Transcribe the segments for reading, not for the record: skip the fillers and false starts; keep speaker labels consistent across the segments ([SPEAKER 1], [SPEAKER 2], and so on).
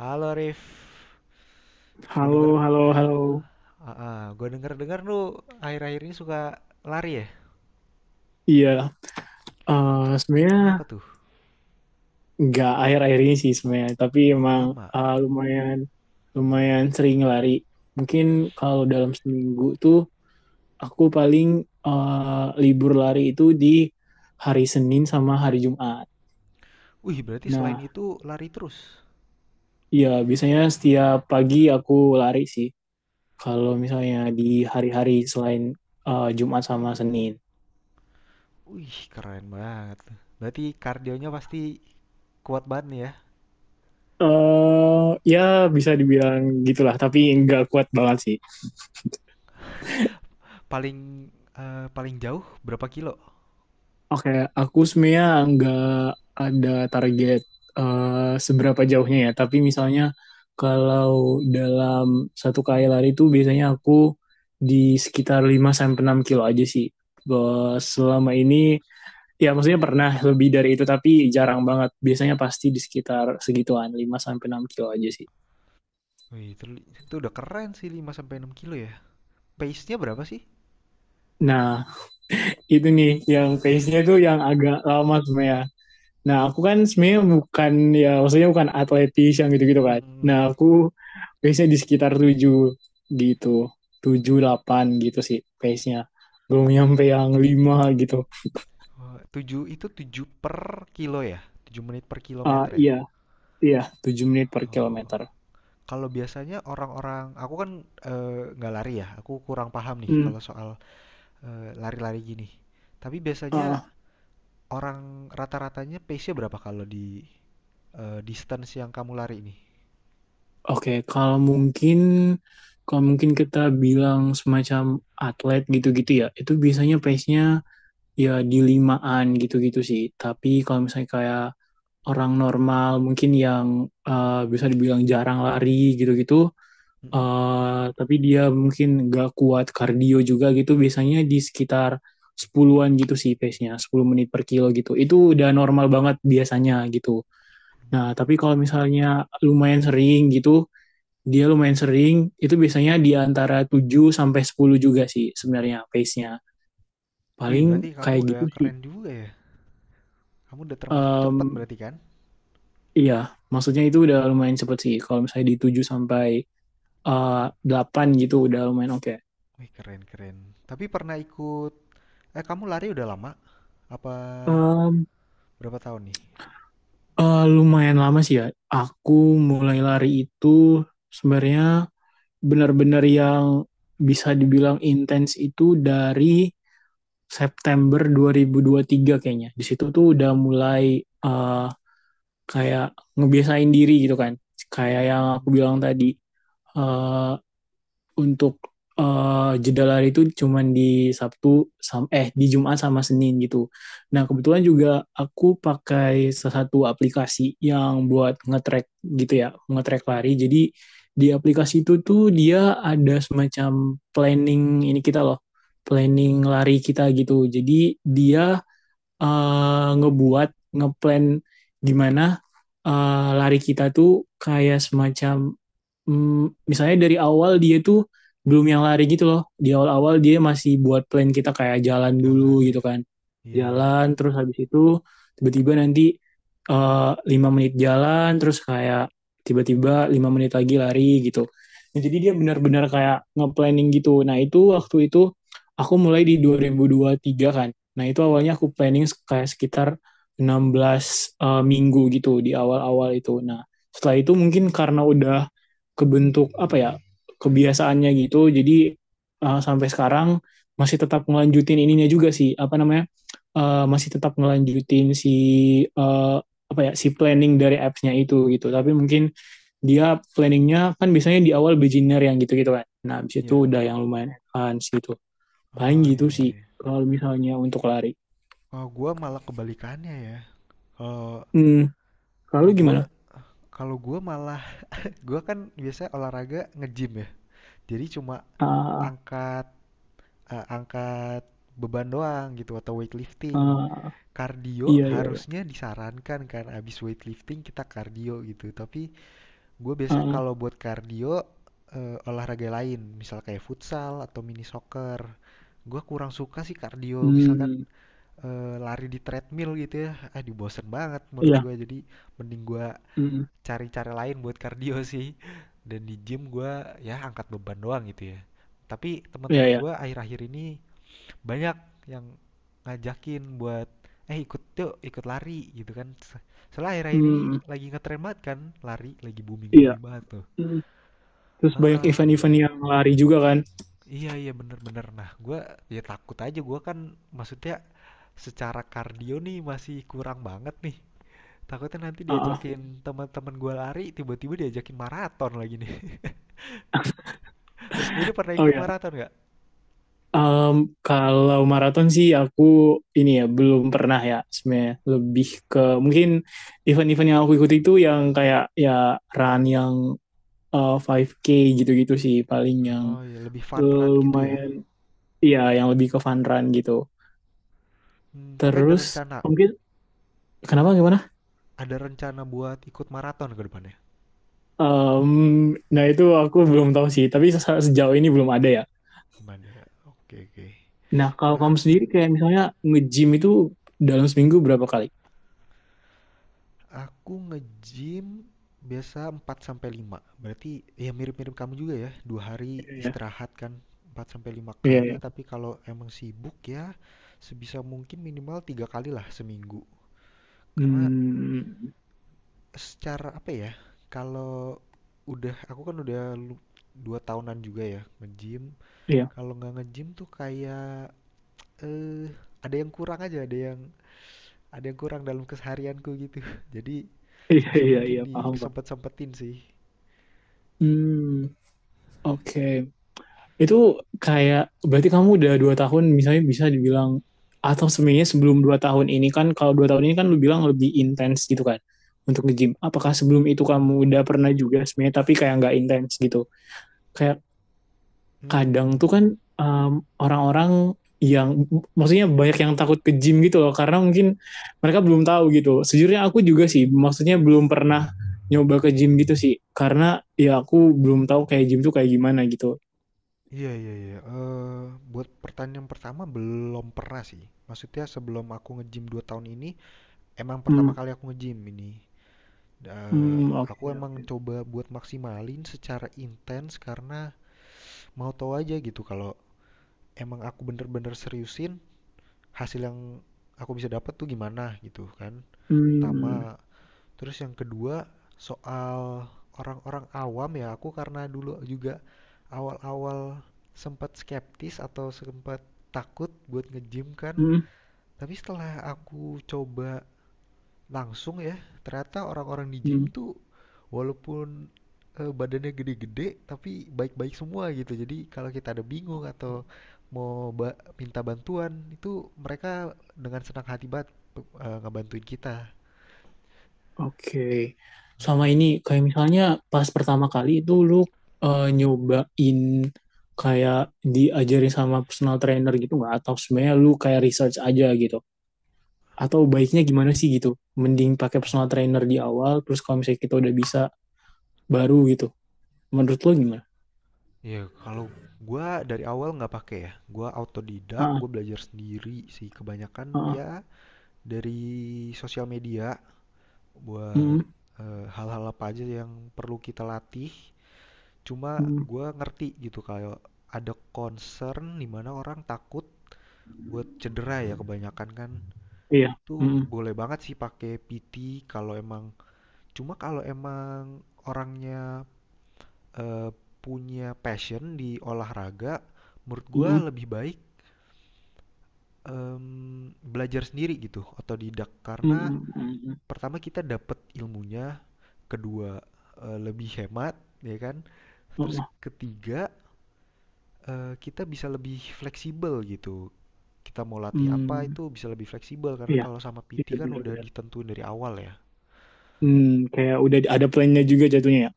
[SPEAKER 1] Halo Rif, gue
[SPEAKER 2] Halo,
[SPEAKER 1] denger,
[SPEAKER 2] halo, halo.
[SPEAKER 1] gue dengar lu akhir-akhir ini suka lari ya?
[SPEAKER 2] Iya,
[SPEAKER 1] Kenapa
[SPEAKER 2] sebenarnya
[SPEAKER 1] tuh?
[SPEAKER 2] nggak akhir-akhir ini sih sebenarnya, tapi
[SPEAKER 1] Oh
[SPEAKER 2] emang
[SPEAKER 1] udah lama.
[SPEAKER 2] lumayan lumayan sering lari. Mungkin kalau dalam seminggu tuh aku paling libur lari itu di hari Senin sama hari Jumat.
[SPEAKER 1] Wih berarti selain
[SPEAKER 2] Nah,
[SPEAKER 1] itu lari terus.
[SPEAKER 2] iya biasanya setiap pagi aku lari sih. Kalau misalnya di hari-hari selain Jumat sama Senin.
[SPEAKER 1] Wih keren banget. Berarti kardionya pasti kuat banget nih ya.
[SPEAKER 2] eh Ya bisa dibilang gitulah, tapi nggak kuat banget sih.
[SPEAKER 1] Paling Paling jauh berapa kilo?
[SPEAKER 2] Oke, aku sebenarnya nggak ada target seberapa jauhnya ya. Tapi misalnya kalau dalam satu kali lari itu biasanya aku di sekitar lima sampai enam kilo aja sih. Selama ini, ya maksudnya pernah lebih dari itu, tapi jarang banget. Biasanya pasti di sekitar segituan, lima sampai enam kilo aja sih.
[SPEAKER 1] Wih itu, itu udah keren sih 5 sampai 6 kilo ya. Pace-nya berapa sih?
[SPEAKER 2] Nah, itu nih yang pace-nya tuh yang agak lama sebenarnya. Nah, aku kan sebenarnya bukan, ya maksudnya bukan atletis yang gitu-gitu kan.
[SPEAKER 1] Mm.
[SPEAKER 2] Nah, aku pace-nya di sekitar 7 gitu, 7 8 gitu sih pace-nya. Belum nyampe yang 5 gitu.
[SPEAKER 1] Wah, itu 7 per kilo ya? 7 menit per
[SPEAKER 2] Ah
[SPEAKER 1] kilometer ya?
[SPEAKER 2] iya, iya, 7 menit per
[SPEAKER 1] Oh,
[SPEAKER 2] kilometer.
[SPEAKER 1] kalau biasanya orang-orang, aku kan nggak lari ya, aku kurang paham nih
[SPEAKER 2] Hmm,
[SPEAKER 1] kalau soal lari-lari gini. Tapi biasanya
[SPEAKER 2] ah,
[SPEAKER 1] orang rata-ratanya pace-nya berapa kalau di distance yang kamu lari ini?
[SPEAKER 2] oke, kalau mungkin kita bilang semacam atlet gitu-gitu ya, itu biasanya pace-nya ya di limaan gitu-gitu sih. Tapi kalau misalnya kayak orang normal mungkin yang bisa dibilang jarang lari gitu-gitu,
[SPEAKER 1] Mm-mm.
[SPEAKER 2] tapi dia mungkin gak kuat kardio juga gitu biasanya di sekitar sepuluhan gitu sih pace-nya, 10 menit per kilo gitu itu udah normal banget biasanya gitu. Nah
[SPEAKER 1] Menit.
[SPEAKER 2] tapi kalau misalnya lumayan sering gitu, dia lumayan sering itu biasanya di antara 7 sampai 10 juga sih sebenarnya pace-nya,
[SPEAKER 1] Wih,
[SPEAKER 2] paling
[SPEAKER 1] berarti kamu
[SPEAKER 2] kayak
[SPEAKER 1] udah
[SPEAKER 2] gitu sih.
[SPEAKER 1] keren juga ya. Kamu udah termasuk cepet
[SPEAKER 2] Em,
[SPEAKER 1] berarti kan?
[SPEAKER 2] iya maksudnya itu udah lumayan cepet sih kalau misalnya di 7 sampai 8 gitu udah lumayan oke.
[SPEAKER 1] Wih, keren keren. Tapi pernah ikut, eh kamu lari udah lama? Apa
[SPEAKER 2] Em,
[SPEAKER 1] berapa tahun nih?
[SPEAKER 2] Lumayan lama sih ya. Aku mulai lari itu sebenarnya benar-benar yang bisa dibilang intens itu dari September 2023 kayaknya. Di situ tuh udah mulai eh, kayak ngebiasain diri gitu kan. Kayak yang aku
[SPEAKER 1] Mhm.
[SPEAKER 2] bilang tadi, eh, untuk jeda lari itu cuman di Sabtu sam- eh di Jumat sama Senin gitu. Nah, kebetulan juga aku pakai salah satu aplikasi yang buat nge-track gitu ya, nge-track lari. Jadi di aplikasi itu tuh dia ada semacam planning, ini kita loh, planning lari kita gitu. Jadi dia ngebuat ngeplan gimana lari kita tuh kayak semacam, misalnya dari awal dia tuh belum yang lari gitu loh, di awal-awal dia masih buat plan kita kayak jalan dulu
[SPEAKER 1] Jalan
[SPEAKER 2] gitu
[SPEAKER 1] ya.
[SPEAKER 2] kan.
[SPEAKER 1] Iya, iya.
[SPEAKER 2] Jalan terus habis itu tiba-tiba nanti eh, 5 menit jalan terus kayak tiba-tiba 5 menit lagi lari gitu. Nah, jadi dia benar-benar kayak nge-planning gitu, nah itu waktu itu aku mulai di dua ribu tiga kan. Nah, itu awalnya aku planning kayak sekitar 16 minggu gitu di awal-awal itu. Nah, setelah itu mungkin karena udah kebentuk apa ya, kebiasaannya gitu, jadi sampai sekarang masih tetap ngelanjutin ininya juga sih, apa namanya, masih tetap ngelanjutin si eh, apa ya, si planning dari apps-nya itu gitu. Tapi mungkin dia planningnya kan biasanya di awal beginner yang gitu-gitu kan. Nah, abis itu
[SPEAKER 1] Iya.
[SPEAKER 2] udah yang lumayan advance gitu. Paling
[SPEAKER 1] Oh
[SPEAKER 2] gitu
[SPEAKER 1] iya,
[SPEAKER 2] sih
[SPEAKER 1] iya, iya.
[SPEAKER 2] kalau misalnya untuk lari.
[SPEAKER 1] Oh, gua malah kebalikannya ya. Kalau
[SPEAKER 2] Hmm. Kalau lu
[SPEAKER 1] kalau gue
[SPEAKER 2] gimana?
[SPEAKER 1] kalau gue malah gue kan biasanya olahraga nge-gym ya. Jadi cuma
[SPEAKER 2] Ah,
[SPEAKER 1] angkat angkat beban doang gitu atau weightlifting.
[SPEAKER 2] ah,
[SPEAKER 1] Kardio
[SPEAKER 2] iya iya iya.
[SPEAKER 1] harusnya disarankan kan abis weightlifting kita kardio gitu. Tapi gue biasanya
[SPEAKER 2] Heeh.
[SPEAKER 1] kalau buat kardio olahraga lain, misal kayak futsal atau mini soccer. Gue kurang suka sih kardio, misalkan
[SPEAKER 2] Mmm,
[SPEAKER 1] eh, lari di treadmill gitu ya. Ah, dibosen banget menurut
[SPEAKER 2] iya,
[SPEAKER 1] gue. Jadi mending gue
[SPEAKER 2] mhm,
[SPEAKER 1] cari cara lain buat kardio sih. Dan di gym gue ya angkat beban doang gitu ya. Tapi
[SPEAKER 2] iya
[SPEAKER 1] teman-teman
[SPEAKER 2] iya,
[SPEAKER 1] gue akhir-akhir ini banyak yang ngajakin buat ikut yuk ikut lari gitu kan. Soalnya akhir-akhir ini
[SPEAKER 2] mhm,
[SPEAKER 1] lagi ngetren banget kan, lari lagi
[SPEAKER 2] iya,
[SPEAKER 1] booming-booming banget tuh.
[SPEAKER 2] mhm. Terus banyak
[SPEAKER 1] Heeh.
[SPEAKER 2] event-event yang lari juga kan?
[SPEAKER 1] Iya iya bener-bener. Nah gue ya takut aja gue kan, maksudnya secara kardio nih masih kurang banget nih. Takutnya nanti
[SPEAKER 2] Heeh.
[SPEAKER 1] diajakin teman-teman gue lari tiba-tiba diajakin maraton lagi nih. Lu sendiri pernah
[SPEAKER 2] Oh
[SPEAKER 1] ikut
[SPEAKER 2] ya,
[SPEAKER 1] maraton nggak?
[SPEAKER 2] mmm, kalau maraton sih aku ini ya, belum pernah ya sebenarnya, lebih ke mungkin event-event yang aku ikuti itu yang kayak ya run yang, 5K gitu-gitu sih paling yang,
[SPEAKER 1] Oh iya, lebih fun run gitu ya.
[SPEAKER 2] lumayan, iya yang lebih ke fun run gitu.
[SPEAKER 1] Hmm, tapi ada
[SPEAKER 2] Terus
[SPEAKER 1] rencana,
[SPEAKER 2] mungkin, kenapa gimana?
[SPEAKER 1] ada rencana buat ikut maraton ke depannya?
[SPEAKER 2] Nah itu aku belum tahu sih, tapi sejauh ini belum ada ya.
[SPEAKER 1] Belum ada. Oke, oke.
[SPEAKER 2] Nah kalau kamu
[SPEAKER 1] Kenapa?
[SPEAKER 2] sendiri kayak misalnya nge-gym itu dalam seminggu berapa kali?
[SPEAKER 1] Aku nge-gym biasa 4 sampai 5. Berarti ya mirip-mirip kamu juga ya. Dua hari
[SPEAKER 2] Iya ya.
[SPEAKER 1] istirahat kan. 4 sampai 5
[SPEAKER 2] Iya
[SPEAKER 1] kali,
[SPEAKER 2] ya.
[SPEAKER 1] tapi kalau emang sibuk ya sebisa mungkin minimal tiga kali lah seminggu. Karena
[SPEAKER 2] Mmm,
[SPEAKER 1] secara apa ya, kalau udah aku kan udah lu 2 tahunan juga ya nge-gym,
[SPEAKER 2] iya.
[SPEAKER 1] kalau nggak nge-gym tuh kayak, ada yang kurang aja, ada yang kurang dalam keseharianku gitu. Jadi
[SPEAKER 2] Iya
[SPEAKER 1] sebisa
[SPEAKER 2] iya
[SPEAKER 1] mungkin
[SPEAKER 2] iya, paham, pak.
[SPEAKER 1] disempet-sempetin sih.
[SPEAKER 2] Hmm, oke. Itu kayak berarti kamu udah 2 tahun misalnya bisa dibilang, atau sebenarnya sebelum 2 tahun ini kan, kalau 2 tahun ini kan lu bilang lebih intens gitu kan untuk nge-gym. Apakah sebelum itu
[SPEAKER 1] Mhm.
[SPEAKER 2] kamu udah pernah juga sebenarnya tapi kayak nggak intens gitu? Kayak kadang
[SPEAKER 1] Mmm.
[SPEAKER 2] tuh kan,
[SPEAKER 1] Hmm.
[SPEAKER 2] um, orang-orang yang, maksudnya banyak yang takut ke gym gitu loh karena mungkin mereka belum tahu gitu. Sejujurnya aku juga sih, maksudnya belum pernah nyoba ke gym gitu sih karena ya aku belum tahu kayak gym tuh kayak gimana gitu.
[SPEAKER 1] Iya iya iya, buat pertanyaan pertama belum pernah sih. Maksudnya sebelum aku nge-gym 2 tahun ini, emang pertama
[SPEAKER 2] Hmm,
[SPEAKER 1] kali aku nge-gym ini. Eh,
[SPEAKER 2] hmm, oke
[SPEAKER 1] aku emang
[SPEAKER 2] oke.
[SPEAKER 1] coba buat maksimalin secara intens karena mau tahu aja gitu kalau emang aku bener-bener seriusin hasil yang aku bisa dapat tuh gimana gitu kan.
[SPEAKER 2] Hmm,
[SPEAKER 1] Pertama,
[SPEAKER 2] hmm,
[SPEAKER 1] terus yang kedua soal orang-orang awam ya aku karena dulu juga awal-awal sempat skeptis atau sempat takut buat nge-gym kan.
[SPEAKER 2] hmm.
[SPEAKER 1] Tapi setelah aku coba langsung ya. Ternyata orang-orang di gym tuh walaupun badannya gede-gede tapi baik-baik semua gitu. Jadi kalau kita ada bingung
[SPEAKER 2] Hmm.
[SPEAKER 1] atau mau minta bantuan itu mereka dengan senang hati banget ngebantuin kita.
[SPEAKER 2] Oke. Sama ini kayak misalnya pas pertama kali itu lu nyobain, kayak diajarin sama personal trainer gitu nggak? Atau sebenarnya lu kayak research aja gitu? Atau baiknya gimana sih gitu? Mending pakai personal
[SPEAKER 1] Mm-mm.
[SPEAKER 2] trainer di awal, terus kalau misalnya kita udah bisa baru gitu. Menurut lu gimana?
[SPEAKER 1] Ya, kalau gue dari awal nggak pakai ya. Gue autodidak,
[SPEAKER 2] Ah,
[SPEAKER 1] gue belajar sendiri sih kebanyakan
[SPEAKER 2] ah, ah.
[SPEAKER 1] ya dari sosial media buat
[SPEAKER 2] Mm,
[SPEAKER 1] eh, hal-hal apa aja yang perlu kita latih. Cuma
[SPEAKER 2] mm,
[SPEAKER 1] gue ngerti gitu kalau ada concern dimana orang takut buat cedera ya kebanyakan kan.
[SPEAKER 2] iya.
[SPEAKER 1] Itu
[SPEAKER 2] Mm,
[SPEAKER 1] boleh banget sih pakai PT kalau emang, cuma kalau emang orangnya eh, punya passion di olahraga, menurut gue
[SPEAKER 2] mm,
[SPEAKER 1] lebih baik belajar sendiri gitu, otodidak
[SPEAKER 2] mm,
[SPEAKER 1] karena
[SPEAKER 2] mm, mm, mm.
[SPEAKER 1] pertama kita dapet ilmunya, kedua lebih hemat ya kan.
[SPEAKER 2] Oh,
[SPEAKER 1] Terus
[SPEAKER 2] oh.
[SPEAKER 1] ketiga kita bisa lebih fleksibel gitu. Kita mau latih apa
[SPEAKER 2] Mm,
[SPEAKER 1] itu bisa lebih fleksibel karena
[SPEAKER 2] iya.
[SPEAKER 1] kalau sama PT
[SPEAKER 2] Iya
[SPEAKER 1] kan udah
[SPEAKER 2] benar-benar.
[SPEAKER 1] ditentuin dari awal ya.
[SPEAKER 2] Hmm, Kayak udah ada plannya juga jatuhnya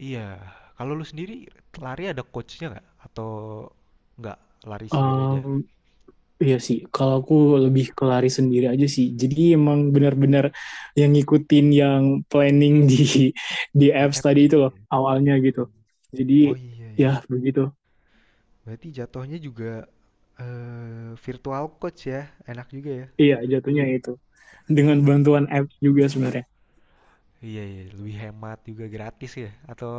[SPEAKER 1] Iya, kalau lu sendiri lari ada coachnya nggak? Atau nggak lari
[SPEAKER 2] ya.
[SPEAKER 1] sendiri aja?
[SPEAKER 2] Iya sih, kalau aku lebih ke lari sendiri aja sih. Jadi emang benar-benar yang ngikutin yang planning di
[SPEAKER 1] Di
[SPEAKER 2] apps tadi
[SPEAKER 1] apps
[SPEAKER 2] itu
[SPEAKER 1] itu
[SPEAKER 2] loh
[SPEAKER 1] ya.
[SPEAKER 2] awalnya
[SPEAKER 1] Oh,
[SPEAKER 2] gitu. Jadi
[SPEAKER 1] oh iya
[SPEAKER 2] ya
[SPEAKER 1] iya.
[SPEAKER 2] begitu.
[SPEAKER 1] Berarti jatuhnya juga virtual coach ya. Enak juga ya.
[SPEAKER 2] Iya, jatuhnya itu. Dengan bantuan apps juga sebenarnya.
[SPEAKER 1] Iya, iya, lebih hemat juga gratis ya? Atau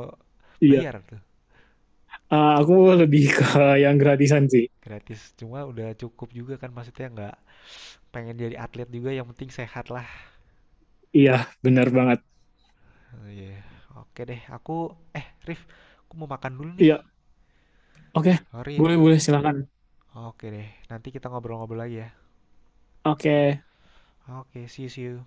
[SPEAKER 2] Iya,
[SPEAKER 1] bayar tuh?
[SPEAKER 2] Aku lebih ke yang gratisan sih.
[SPEAKER 1] Gratis, cuma udah cukup juga kan, maksudnya nggak pengen jadi atlet juga, yang penting sehat lah.
[SPEAKER 2] Iya, benar banget.
[SPEAKER 1] Iya, oke deh aku, eh Rif, aku mau makan dulu nih,
[SPEAKER 2] Iya, oke.
[SPEAKER 1] sorry ya.
[SPEAKER 2] Boleh, boleh, silakan.
[SPEAKER 1] Oke deh, nanti kita ngobrol-ngobrol lagi ya.
[SPEAKER 2] Oke.
[SPEAKER 1] Oke, see you see you.